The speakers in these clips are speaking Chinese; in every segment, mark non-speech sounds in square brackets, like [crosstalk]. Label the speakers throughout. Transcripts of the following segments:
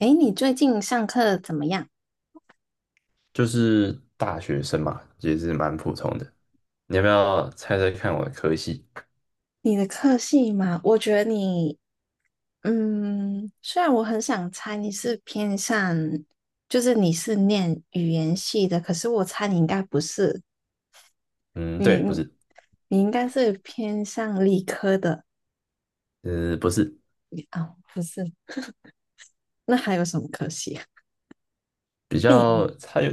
Speaker 1: 诶，你最近上课怎么样？
Speaker 2: 就是大学生嘛，也是蛮普通的。你要不要猜猜看我的科系？
Speaker 1: 你的科系嘛，我觉得你，虽然我很想猜你是偏向，就是你是念语言系的，可是我猜你应该不是，
Speaker 2: 嗯，对，
Speaker 1: 你
Speaker 2: 不是。
Speaker 1: 你应该是偏向理科的。
Speaker 2: 不是。
Speaker 1: 啊，不是？[laughs] 那还有什么科系啊，
Speaker 2: 比
Speaker 1: 电
Speaker 2: 较
Speaker 1: 影，
Speaker 2: 它有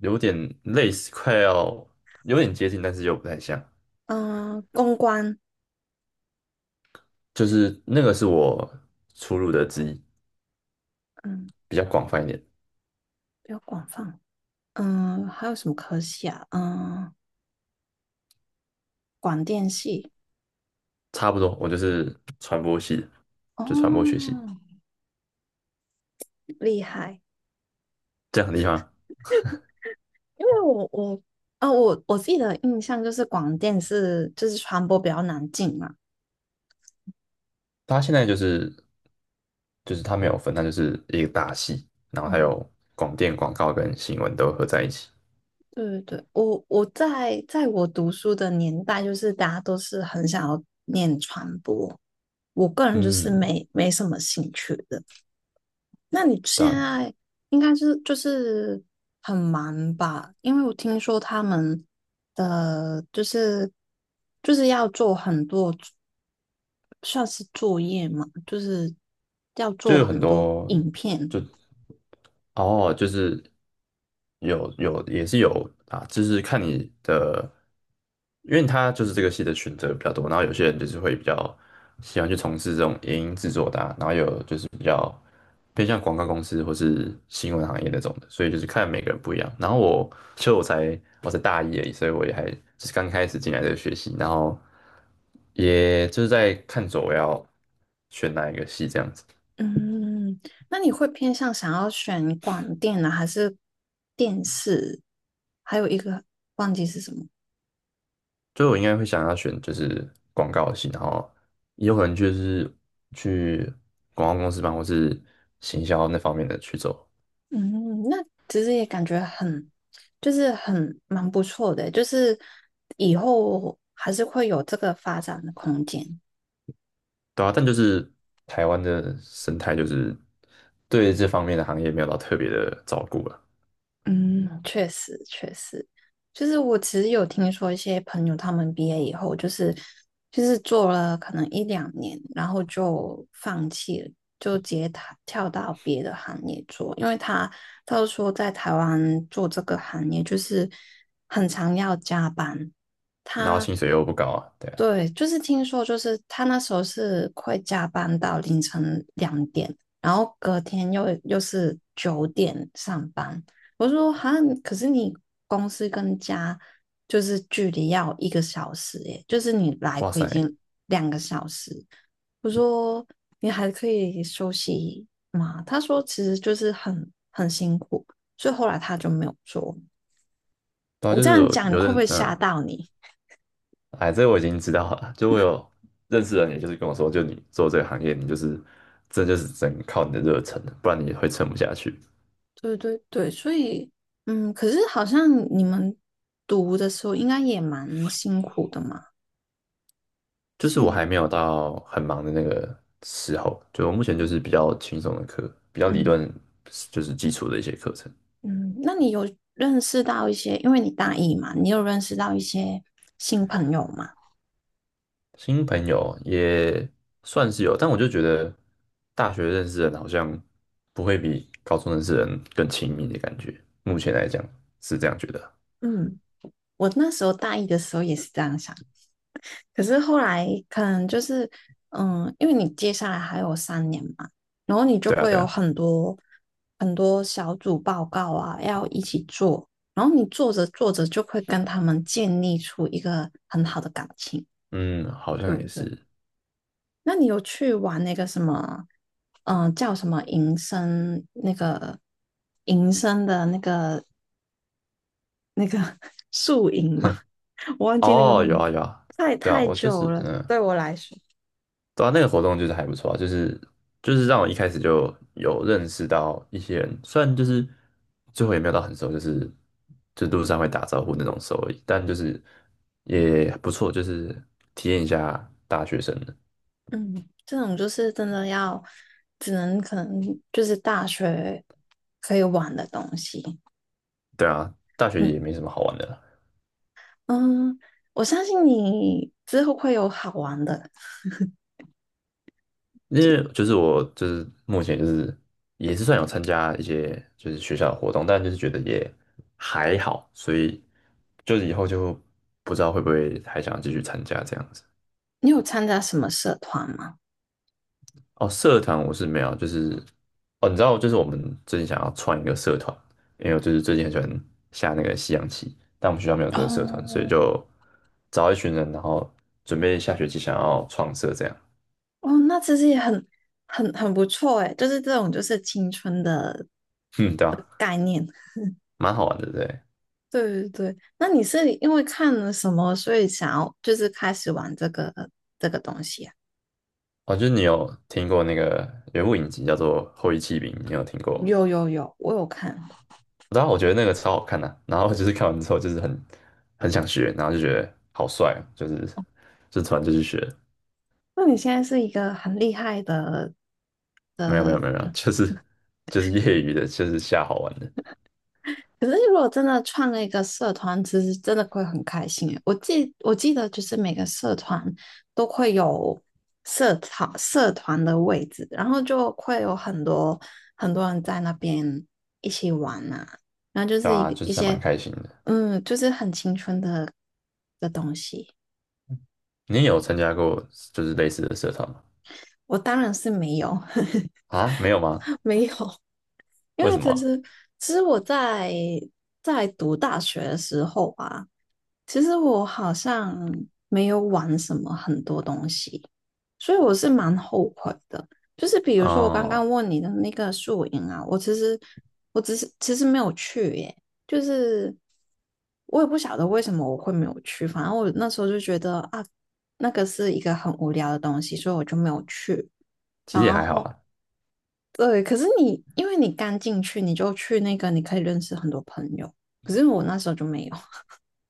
Speaker 2: 有点类似，快要有点接近，但是又不太像。
Speaker 1: [laughs] 嗯、公关，
Speaker 2: 就是那个是我出入的之一，
Speaker 1: 嗯，
Speaker 2: 比较广泛一点。
Speaker 1: 比较广泛。还有什么科系啊？嗯、广电系，
Speaker 2: 差不多，我就是传播系的，就传播学
Speaker 1: 哦，
Speaker 2: 系。
Speaker 1: 厉害。
Speaker 2: 这样很厉害吗。
Speaker 1: 因为我我啊我我自己的印象就是广电是就是传播比较难进嘛。
Speaker 2: 它现在就是它没有分，它就是一个大系，然后还
Speaker 1: 嗯，
Speaker 2: 有广电、广告跟新闻都合在一起。
Speaker 1: 对对对，我在我读书的年代，就是大家都是很想要念传播，我个人就是
Speaker 2: 嗯，
Speaker 1: 没什么兴趣的。那你
Speaker 2: 对
Speaker 1: 现
Speaker 2: 啊，
Speaker 1: 在应该是就是很忙吧？因为我听说他们的就是要做很多，算是作业嘛，就是要
Speaker 2: 就
Speaker 1: 做
Speaker 2: 有很
Speaker 1: 很多
Speaker 2: 多，
Speaker 1: 影片。
Speaker 2: 就哦，就是有也是有啊，就是看你的，因为他就是这个系的选择比较多，然后有些人就是会比较喜欢去从事这种影音制作的啊，然后有就是比较偏向广告公司或是新闻行业那种的，所以就是看每个人不一样。然后我其实我才大一而已，所以我也还就是刚开始进来这个学习，然后也就是在看着我要选哪一个系这样子。
Speaker 1: 嗯，那你会偏向想要选广电呢，还是电视？还有一个忘记是什么。
Speaker 2: 所以我应该会想要选就是广告系，然后也有可能就是去广告公司办，或是行销那方面的去走。
Speaker 1: 嗯，那其实也感觉很，就是很蛮不错的欸，就是以后还是会有这个发展的空间。
Speaker 2: 对啊，但就是台湾的生态就是对这方面的行业没有到特别的照顾了。
Speaker 1: 嗯，确实确实，就是我其实有听说一些朋友他们毕业以后，就是做了可能一两年，然后就放弃了，就直接跳到别的行业做，因为他就说在台湾做这个行业就是很常要加班。
Speaker 2: 然后
Speaker 1: 他
Speaker 2: 薪水又不高啊，对啊。
Speaker 1: 对，就是听说，就是他那时候是会加班到凌晨2点，然后隔天又是9点上班。我说哈，可是你公司跟家就是距离要1个小时耶，就是你来
Speaker 2: 哇
Speaker 1: 回已
Speaker 2: 塞，
Speaker 1: 经2个小时。我说你还可以休息吗？他说其实就是很辛苦，所以后来他就没有做。
Speaker 2: 对啊，
Speaker 1: 我
Speaker 2: 就
Speaker 1: 这
Speaker 2: 是
Speaker 1: 样
Speaker 2: 我
Speaker 1: 讲，你
Speaker 2: 有
Speaker 1: 会不
Speaker 2: 认，
Speaker 1: 会吓
Speaker 2: 嗯，
Speaker 1: 到你？
Speaker 2: 哎，这个我已经知道了，就我有认识的人，也就是跟我说，就你做这个行业，你就是这就是只能靠你的热忱，不然你会撑不下去。
Speaker 1: 对对对，所以，可是好像你们读的时候应该也蛮辛苦的嘛。
Speaker 2: 就是我还
Speaker 1: 辛，
Speaker 2: 没有到很忙的那个时候，就我目前就是比较轻松的课，比较理
Speaker 1: 嗯
Speaker 2: 论，就是基础的一些课程。
Speaker 1: 嗯，那你有认识到一些，因为你大一嘛，你有认识到一些新朋友吗？
Speaker 2: 新朋友也算是有，但我就觉得大学认识的人好像不会比高中认识的人更亲密的感觉。目前来讲是这样觉得。
Speaker 1: 嗯，我那时候大一的时候也是这样想，可是后来可能就是，因为你接下来还有3年嘛，然后你就
Speaker 2: 对啊，
Speaker 1: 会
Speaker 2: 对
Speaker 1: 有
Speaker 2: 啊，
Speaker 1: 很多很多小组报告啊，要一起做，然后你做着做着就会跟他们建立出一个很好的感情，
Speaker 2: 嗯，好
Speaker 1: 对
Speaker 2: 像也
Speaker 1: 不对？
Speaker 2: 是。
Speaker 1: 那你有去玩那个什么，叫什么营生那个营生的那个 [laughs] 宿营吗？[laughs] 我忘记那个
Speaker 2: 哦，有
Speaker 1: 名
Speaker 2: 啊，
Speaker 1: 字，
Speaker 2: 有啊。
Speaker 1: 太
Speaker 2: 对啊，
Speaker 1: 太
Speaker 2: 我就
Speaker 1: 久
Speaker 2: 是
Speaker 1: 了，
Speaker 2: 嗯。
Speaker 1: 对我来说。
Speaker 2: 对啊，那个活动就是还不错啊，就是就是让我一开始就有认识到一些人，虽然就是最后也没有到很熟，就是就路上会打招呼那种熟而已，但就是也不错，就是体验一下大学生的。
Speaker 1: 嗯，这种就是真的要，只能可能就是大学可以玩的东西。
Speaker 2: 对啊，大学
Speaker 1: 嗯
Speaker 2: 也没什么好玩的啦。
Speaker 1: 嗯，我相信你之后会有好玩的。
Speaker 2: 因为就是我就是目前就是也是算有参加一些就是学校的活动，但就是觉得也还好，所以就是以后就不知道会不会还想继续参加这样子。
Speaker 1: 你有参加什么社团吗？
Speaker 2: 哦，社团我是没有，就是哦，你知道，就是我们最近想要创一个社团，因为我就是最近很喜欢下那个西洋棋，但我们学校没有这个社团，所以
Speaker 1: 哦
Speaker 2: 就找一群人，然后准备下学期想要创社这样。
Speaker 1: 哦，那其实也很不错诶，就是这种就是青春的。
Speaker 2: 嗯，对啊，蛮好玩的，对。
Speaker 1: 对对对，那你是因为看了什么，所以想要就是开始玩这个东西啊？
Speaker 2: 哦，就是你有听过那个有物部影集叫做《后翼弃兵》，你有听过吗？
Speaker 1: 有有有，我有看。
Speaker 2: 然后我觉得那个超好看的啊、然后就是看完之后就是很想学，然后就觉得好帅哦，就是就突然就去学。
Speaker 1: 那你现在是一个很厉害的。
Speaker 2: 没有，就是就是业余的，就是瞎好玩的。
Speaker 1: 可是如果真的创了一个社团，其实真的会很开心诶。我记得就是每个社团都会有社团的位置，然后就会有很多很多人在那边一起玩呐。然后就
Speaker 2: 对
Speaker 1: 是一
Speaker 2: 啊，
Speaker 1: 个
Speaker 2: 就
Speaker 1: 一
Speaker 2: 是还蛮
Speaker 1: 些，
Speaker 2: 开心的。
Speaker 1: 就是很青春的东西。
Speaker 2: 你也有参加过就是类似的社团吗？
Speaker 1: 我当然是没有，[laughs]
Speaker 2: 啊，没有吗？
Speaker 1: [laughs] 没有，因
Speaker 2: 为
Speaker 1: 为
Speaker 2: 什
Speaker 1: 其
Speaker 2: 么
Speaker 1: 实其实我在读大学的时候啊，其实我好像没有玩什么很多东西，所以我是蛮后悔的。就是比
Speaker 2: 啊
Speaker 1: 如说我刚刚
Speaker 2: 哦，
Speaker 1: 问你的那个宿营啊，我只是其实没有去耶，就是我也不晓得为什么我会没有去，反正我那时候就觉得啊，那个是一个很无聊的东西，所以我就没有去。
Speaker 2: 其实也
Speaker 1: 然
Speaker 2: 还好
Speaker 1: 后
Speaker 2: 啊。
Speaker 1: 对，可是你因为你刚进去，你就去那个，你可以认识很多朋友。可是我那时候就没有，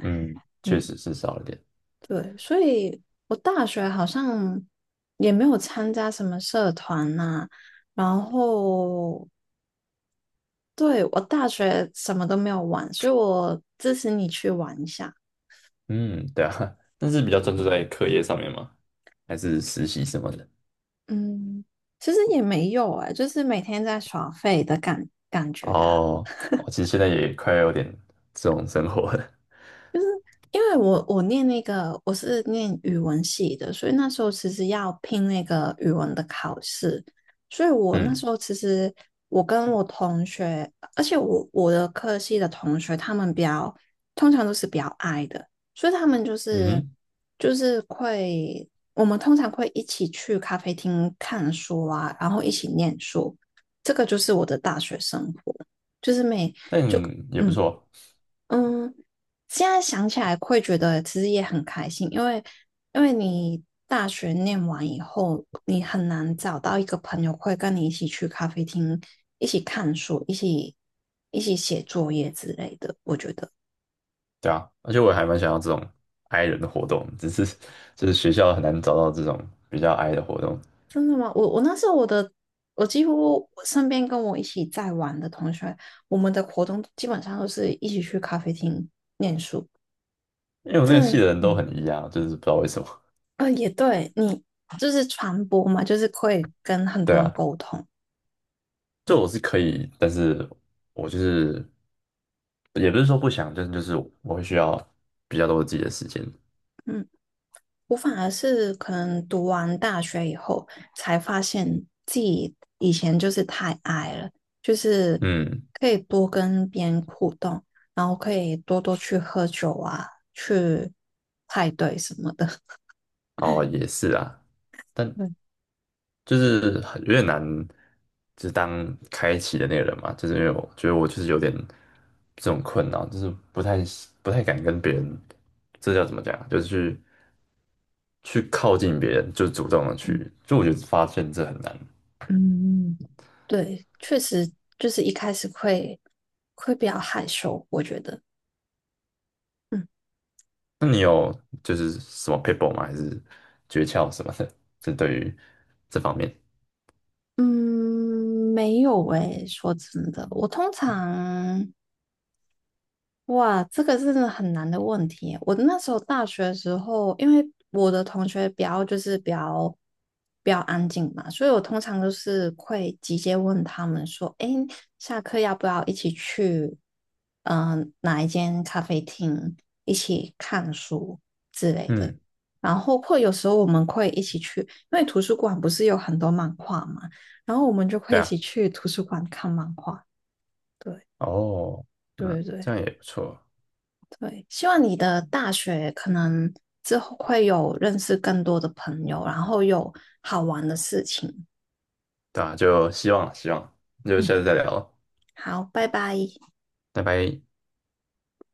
Speaker 2: 嗯，
Speaker 1: [laughs]
Speaker 2: 确
Speaker 1: 嗯，
Speaker 2: 实是少了点。
Speaker 1: 对，所以我大学好像也没有参加什么社团呐、然后对我大学什么都没有玩，所以我支持你去玩一下。
Speaker 2: 嗯，对啊，[laughs] 但是比较专注在课业上面嘛，还是实习什么的？
Speaker 1: 嗯，其实也没有哎、就是每天在耍废的感觉啊。
Speaker 2: 哦，我其实现在也快要有点这种生活了。
Speaker 1: 因为我是念语文系的，所以那时候其实要拼那个语文的考试，所以我那
Speaker 2: 嗯，
Speaker 1: 时候其实我跟我同学，而且我的科系的同学，他们通常都是比较矮的，所以他们就
Speaker 2: 嗯
Speaker 1: 是
Speaker 2: 哼，
Speaker 1: 就是会我们通常会一起去咖啡厅看书啊，然后一起念书，这个就是我的大学生活，就是每
Speaker 2: 但
Speaker 1: 就
Speaker 2: 也不
Speaker 1: 嗯。
Speaker 2: 错。
Speaker 1: 嗯，现在想起来会觉得其实也很开心，因为你大学念完以后，你很难找到一个朋友会跟你一起去咖啡厅，一起看书，一起写作业之类的。我觉得
Speaker 2: 对啊，而且我还蛮想要这种 i 人的活动，只是就是学校很难找到这种比较 i 的活动，
Speaker 1: 真的吗？我那时候我的我几乎我身边跟我一起在玩的同学，我们的活动基本上都是一起去咖啡厅念书，
Speaker 2: 因为我那个
Speaker 1: 这
Speaker 2: 系的人都
Speaker 1: 嗯，
Speaker 2: 很 e 啊，就是不知道为什么。
Speaker 1: 啊、也对，你就是传播嘛，就是会跟很
Speaker 2: 对
Speaker 1: 多人
Speaker 2: 啊，
Speaker 1: 沟通，
Speaker 2: 就我是可以，但是我就是也不是说不想，就是我会需要比较多自己的时间。
Speaker 1: 嗯，我反而是可能读完大学以后，才发现自己以前就是太矮了，就是
Speaker 2: 嗯，
Speaker 1: 可以多跟别人互动，然后可以多多去喝酒啊，去派对什么的。[laughs]
Speaker 2: 哦，也是啊，但
Speaker 1: 对，
Speaker 2: 就是很有点难，就是当开启的那个人嘛，就是因为我觉得我就是有点这种困扰，就是不太敢跟别人，这叫怎么讲啊？就是去靠近别人，就主动的
Speaker 1: 嗯，
Speaker 2: 去，就我觉得发现这很难。
Speaker 1: 嗯，对，确实就是一开始会比较害羞，我觉得。嗯
Speaker 2: 那你有就是什么 people 吗？还是诀窍什么的？[laughs] 就对于这方面，
Speaker 1: 嗯，没有诶，说真的，我通常哇，这个真的很难的问题耶我那时候大学的时候，因为我的同学比较就是比较安静嘛，所以我通常都是会直接问他们说："诶，下课要不要一起去哪一间咖啡厅一起看书之类的？"
Speaker 2: 嗯，
Speaker 1: 然后或有时候我们会一起去，因为图书馆不是有很多漫画嘛，然后我们就会
Speaker 2: 对
Speaker 1: 一
Speaker 2: 啊，
Speaker 1: 起去图书馆看漫画。对
Speaker 2: 哦，嗯，
Speaker 1: 对对。
Speaker 2: 这样也不错。
Speaker 1: 对，希望你的大学可能之后会有认识更多的朋友，然后有好玩的事情。
Speaker 2: 对啊，就希望希望，那就
Speaker 1: 嗯，
Speaker 2: 下次再聊，
Speaker 1: 好，拜拜。
Speaker 2: 拜拜。